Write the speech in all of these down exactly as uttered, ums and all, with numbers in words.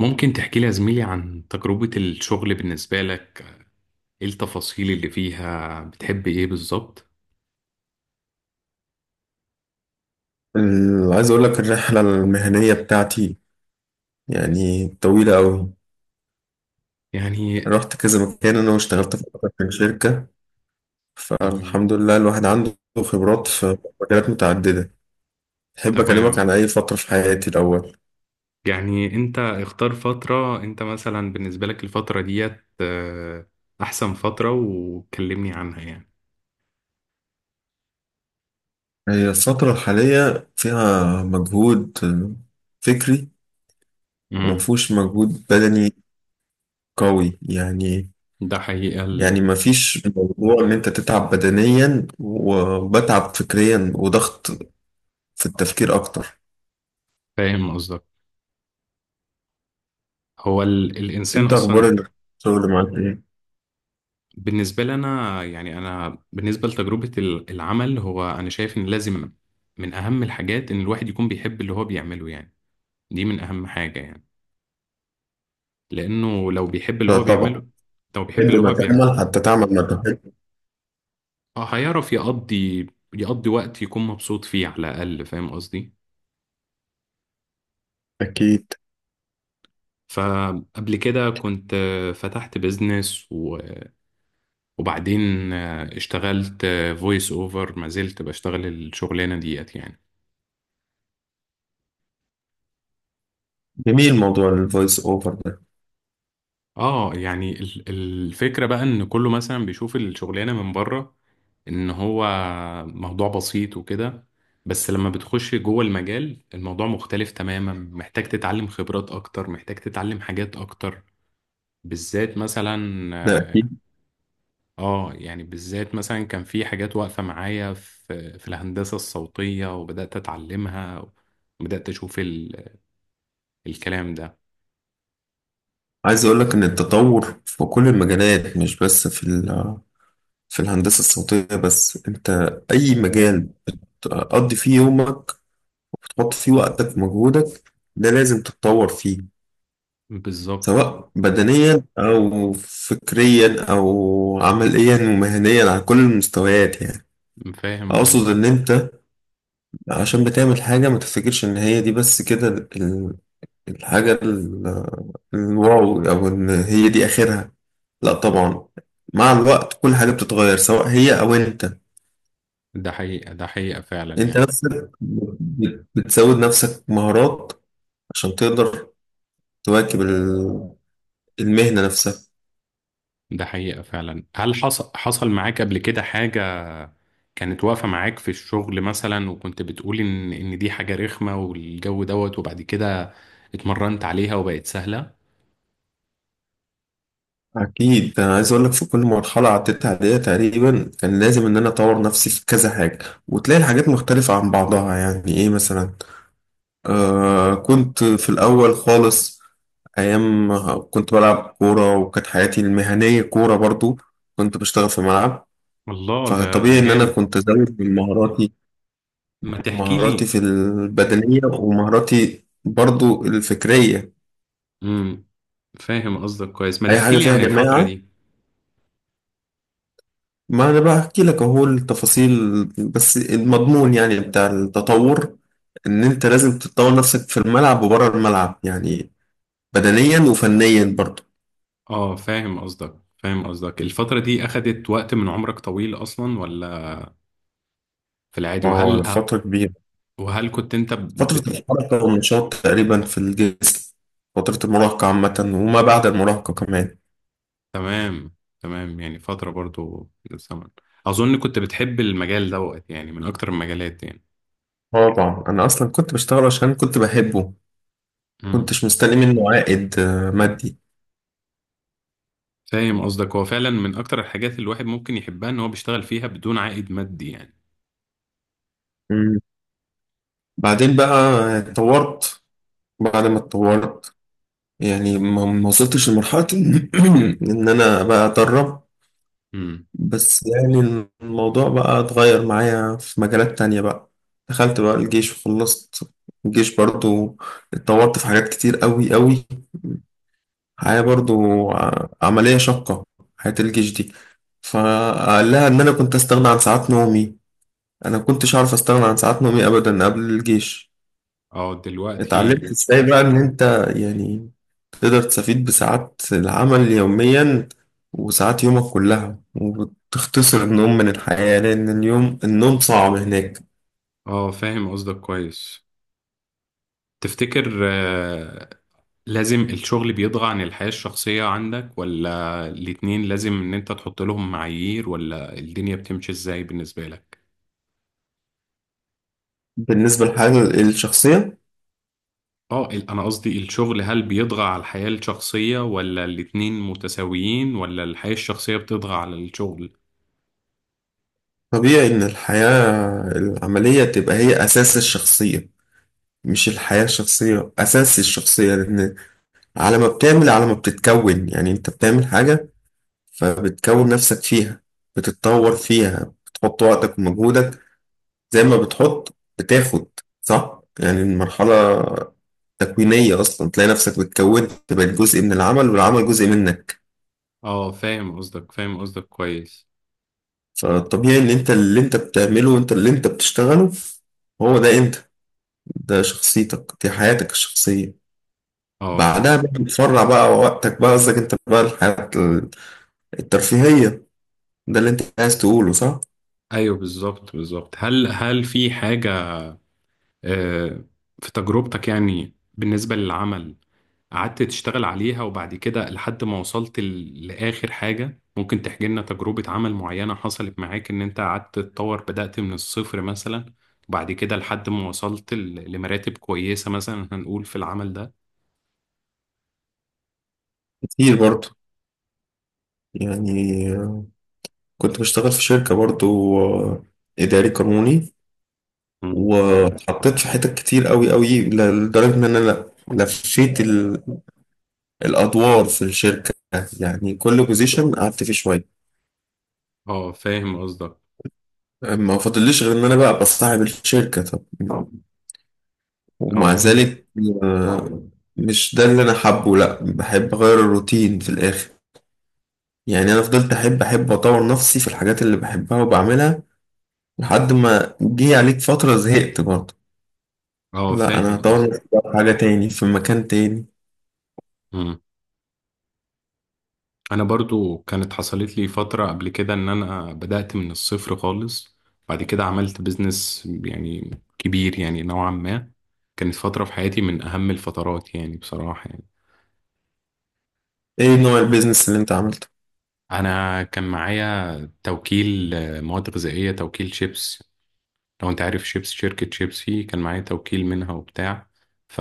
ممكن تحكي لي يا زميلي عن تجربة الشغل بالنسبة لك؟ ايه التفاصيل اللي فيها بتحب ايه بالظبط؟ ال- عايز اقول لك الرحله المهنيه بتاعتي يعني طويله قوي. يعني. رحت كذا مكان انا واشتغلت في اكتر من شركه، تمام، فالحمد لله الواحد عنده خبرات في مجالات متعدده. احب اكلمك عن تمام. اي فتره في حياتي الاول. يعني انت اختار فترة، انت مثلا بالنسبة لك الفترة ديت آه، احسن فترة وكلمني عنها، يعني. هي الفتره الحاليه فيها مجهود فكري امم. ومفهوش مجهود بدني قوي يعني. ده حقيقة يعني ال- مفيش موضوع ان انت تتعب بدنيا وبتعب فكريا وضغط في التفكير اكتر. فاهم قصدك. هو ال... الانسان انت اخبار اصلا. الشغل معاك ايه؟ بالنسبة لنا يعني، انا بالنسبة لتجربة ال- العمل، هو انا شايف ان لازم من اهم الحاجات ان الواحد يكون بيحب اللي هو بيعمله، يعني. دي من أهم حاجة، يعني. لأنه لو بيحب اللي آه، هو طبعا. بيعمله. لو بيحب تحب اللي ما هو بيعمله، تعمل حتى تعمل ما تحب. آه، هيعرف يقضي يقضي وقت يكون مبسوط فيه على الأقل، فاهم قصدي. اكيد. فقبل كده كنت آه، فتحت بيزنس و- وبعدين آه، اشتغلت فويس أوفر، ما زلت بشتغل الشغلانة ديت يعني. جميل موضوع الفويس اوفر ده. اه يعني ال- الفكرة بقى ان كله مثلا بيشوف الشغلانة من بره، ان هو موضوع بسيط وكده. بس لما بتخش جوه المجال الموضوع مختلف تماما، محتاج تتعلم خبرات اكتر، محتاج تتعلم حاجات اكتر بالذات مثلا. ده اه اكيد. آه، يعني بالذات مثلا كان في حاجات واقفة معايا في في الهندسة الصوتية، وبدأت اتعلمها وبدأت اشوف ال- الكلام ده، عايز اقول لك ان التطور في كل المجالات مش بس في ال- في الهندسه الصوتيه بس. انت اي مجال تقضي فيه يومك تحط فيه وقتك ومجهودك ده لازم تتطور فيه، بالظبط. سواء بدنيا او فكريا او عمليا ومهنيا على كل المستويات يعني. فاهم اقصد قصدك. ان انت عشان بتعمل حاجة ما تفتكرش إن هي دي بس كده ال- الحاجة ال- الواو أو إن هي دي آخرها. لا طبعا، مع الوقت كل حاجة بتتغير سواء هي أو أنت. ده حقيقة، ده حقيقة فعلا أنت يعني. نفسك بت- بتزود نفسك مهارات عشان تقدر تواكب ال- المهنة نفسها. ده حقيقة فعلا، هل حصل حصل معاك قبل كده حاجة كانت واقفة معاك في الشغل مثلا، وكنت بتقول إن إن دي حاجة رخمة والجو دوت، وبعد كده اتمرنت عليها وبقت سهلة؟ أكيد، أنا عايز أقول لك في كل مرحلة عديت عليها تقريبا كان لازم إن أنا أطور نفسي في كذا حاجة. وتلاقي الحاجات مختلفة عن بعضها، يعني إيه مثلا؟ آه، كنت في الأول خالص أيام كنت بلعب كورة، وكانت حياتي المهنية كورة برضو. كنت بشتغل في ملعب. الله، ده ده فطبيعي إن أنا جامد. كنت زود من مهاراتي، ما تحكي مهاراتي لي. في البدنية ومهاراتي برضو الفكرية. امم. فاهم قصدك كويس، ما أي تحكي حاجة لي فيها عن الفترة جماعة. دي. ما أنا بقى أحكي لك أهو التفاصيل، بس المضمون يعني بتاع التطور، إن أنت لازم تطور نفسك في الملعب وبره الملعب يعني بدنيا وفنيا برضو. اه فاهم قصدك، فاهم قصدك، الفترة دي أخدت وقت من عمرك طويل أصلا ولا في العادي؟ اه، وهل فترة كبيرة. وهل كنت أنت؟ فترة الحركة والنشاط تقريبا في الجسم، فترة المراهقة عامة وما بعد المراهقة كمان. تمام، تمام، يعني فترة برضو من الزمن، أظن كنت بتحب المجال دوت يعني من أكتر المجالات يعني. اه طبعا، أنا أصلا كنت بشتغل عشان كنت بحبه. مم. كنتش مستني منه عائد آه، مادي. فاهم قصدك، هو فعلا من أكتر الحاجات اللي الواحد ممكن يحبها إن هو بيشتغل فيها بدون عائد مادي يعني. مم. بعدين بقى اتطورت. بعد ما اتطورت، يعني ما ما وصلتش لمرحلة إن إن أنا بقى أدرب. مم. بس يعني الموضوع بقى اتغير معايا في مجالات تانية بقى. دخلت بقى الجيش وخلصت الجيش برضو. اتطورت في حاجات كتير قوي قوي. حاجة مم. برضو ع- عملية شاقة حياة الجيش دي. فقال لها إن أنا كنت أستغنى عن ساعات نومي. أنا كنتش عارف أستغنى عن ساعات نومي أبدا قبل الجيش. اه اتعلمت دلوقتي. إزاي بقى إن أنت يعني تقدر تستفيد بساعات العمل يوميا وساعات يومك كلها، وتختصر النوم من الحياة لأن اليوم النوم صعب هناك. اه فاهم قصدك كويس. تفتكر آه لازم الشغل بيضغى عن الحياة الشخصية عندك، ولا الاتنين لازم إن أنت تحط لهم معايير، ولا الدنيا بتمشي إزاي بالنسبة لك؟ بالنسبة للحياة الشخصية، اه ال- انا قصدي الشغل، هل بيطغى على الحياة الشخصية، ولا الاتنين متساويين، ولا الحياة الشخصية بتطغى على الشغل؟ طبيعي إن الحياة العملية تبقى هي أساس الشخصية، مش الحياة الشخصية أساس الشخصية، لأن على ما بتعمل على ما بتتكون. يعني أنت بتعمل حاجة فبتكون نفسك فيها، بتتطور فيها، بتحط وقتك ومجهودك، زي ما بتحط بتاخد. صح، يعني المرحلة تكوينية أصلا. تلاقي نفسك بتكون تبقى جزء من العمل والعمل جزء منك. اه فاهم قصدك، فاهم قصدك كويس. فالطبيعي إن أنت اللي أنت بتعمله وأنت اللي أنت بتشتغله، هو ده أنت، ده شخصيتك، دي حياتك الشخصية. اه، بعدها بقى بتفرع بقى وقتك بقى قصدك انت بقى الحياة الترفيهية، ده اللي انت عايز تقوله صح؟ ايوه، بالظبط، بالظبط، هل هل في حاجة آه في تجربتك يعني بالنسبة للعمل قعدت تشتغل عليها، وبعد كده لحد ما وصلت ل- لآخر حاجة؟ ممكن تحكي لنا تجربة عمل معينة حصلت معاك إن أنت قعدت تتطور، بدأت من الصفر مثلا، وبعد كده لحد ما وصلت ل- لمراتب كويسة مثلا هنقول في العمل ده؟ كتير برضو. يعني آه، كنت بشتغل في شركة برضو. آه، إداري قانوني. مم. واتحطيت في حتت كتير قوي قوي، ل- لدرجة إن أنا ل- لفيت ال- الأدوار في الشركة. يعني كل بوزيشن قعدت فيه شوية. اه فاهم قصدك. ما فاضليش غير إن أنا بقى بصاحب الشركة طب. ومع اه ذلك آه، مش ده اللي أنا حابه. لأ، بحب أغير الروتين في الآخر. يعني أنا فضلت أحب أحب أطور نفسي في الحاجات اللي بحبها وبعملها لحد ما جه عليك فترة زهقت برضه. اه لا، أنا فاهم هطور نفسي بقى في حاجة تاني في مكان تاني. قصدك. انا برضو كانت حصلت لي فترة قبل كده ان انا بدأت من الصفر خالص، بعد كده عملت بيزنس يعني كبير يعني نوعا ما. كانت فترة في حياتي من اهم الفترات يعني، بصراحة يعني. إيه نوع البيزنس اللي أنت عملته؟ انا كان معايا توكيل آه، مواد غذائية، توكيل شيبس. لو انت عارف شيبس، شركة شيبسي كان معايا توكيل منها وبتاع. ف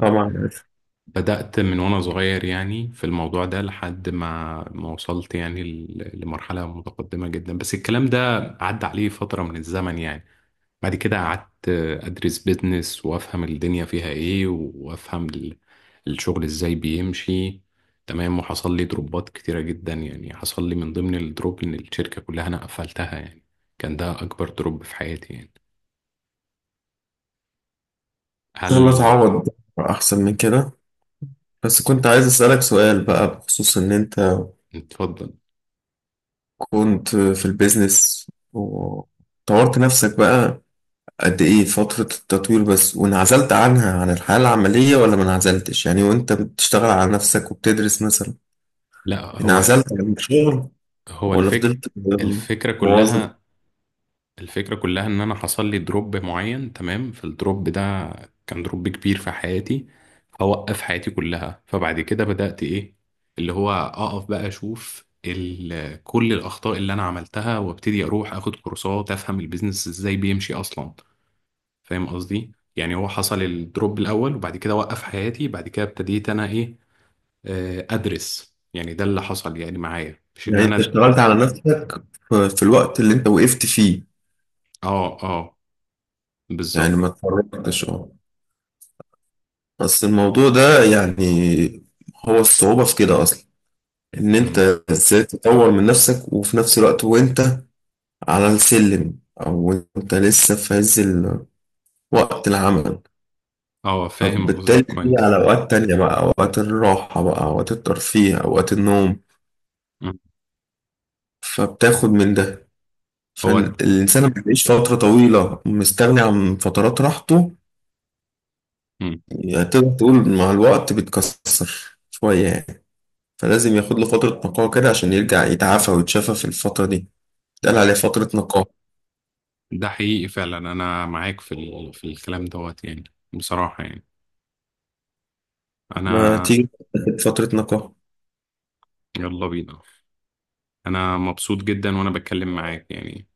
طبعا عارف. بدأت من وأنا صغير يعني في الموضوع ده لحد ما ما وصلت يعني ل- لمرحلة متقدمة جدا، بس الكلام ده عدى عليه فترة من الزمن يعني. بعد كده قعدت أدرس بيزنس وأفهم الدنيا فيها إيه، وأفهم ال- الشغل إزاي بيمشي، تمام. وحصل لي دروبات كتيرة جدا يعني، حصل لي من ضمن الدروب إن الشركة كلها أنا قفلتها يعني. كان ده أكبر دروب في حياتي يعني. إن شاء الله هل تعوض أحسن من كده. بس كنت عايز أسألك سؤال بقى بخصوص إن أنت اتفضل. كنت في البيزنس وطورت نفسك بقى، قد إيه فترة التطوير بس وانعزلت عنها عن الحياة العملية ولا ما انعزلتش؟ يعني وأنت بتشتغل على نفسك وبتدرس مثلا، لا، هو انعزلت عن الشغل هو ولا الفك فضلت الفكرة موظف؟ كلها الفكرة كلها ان انا حصل لي دروب معين، تمام. فالدروب ده كان دروب كبير في حياتي، هوقف حياتي كلها. فبعد كده بدأت ايه، اللي هو اقف بقى اشوف ال- كل الاخطاء اللي انا عملتها، وابتدي اروح اخد كورسات افهم البيزنس ازاي بيمشي اصلا. فاهم قصدي يعني، هو حصل الدروب الاول وبعد كده وقف حياتي، بعد كده ابتديت انا ايه، آه، ادرس، يعني ده اللي حصل يعني معايا، مش ان يعني انت انا. اشتغلت على نفسك في في الوقت اللي انت وقفت فيه. اه، اه، يعني بالظبط. ما اتفرجتش اه. بس الموضوع ده يعني هو الصعوبة في كده اصلا، ان انت أمم. ازاي تطور من نفسك وفي نفس الوقت وانت على السلم او انت لسه في عز ال- وقت العمل. اه فاهم فبالتالي قصدك دي كويس. على اوقات تانية بقى، اوقات الراحة بقى، اوقات الترفيه، اوقات النوم. مم. فبتاخد من ده. هو د- فالإنسان ما بيعيش فترة طويلة مستغني عن فترات راحته. مم. يعني تقدر تقول مع الوقت بيتكسر شوية يعني. فلازم ياخد له فترة نقاهة كده عشان يرجع يتعافى ويتشافى في الفترة دي، اتقال ده عليه فترة نقاهة. ده حقيقي فعلا، انا معاك في ال... في الكلام دوت يعني، بصراحة يعني، ما انا. تيجي تاخد فترة نقاهة. يلا بينا. انا مبسوط جدا وانا بتكلم معاك يعني.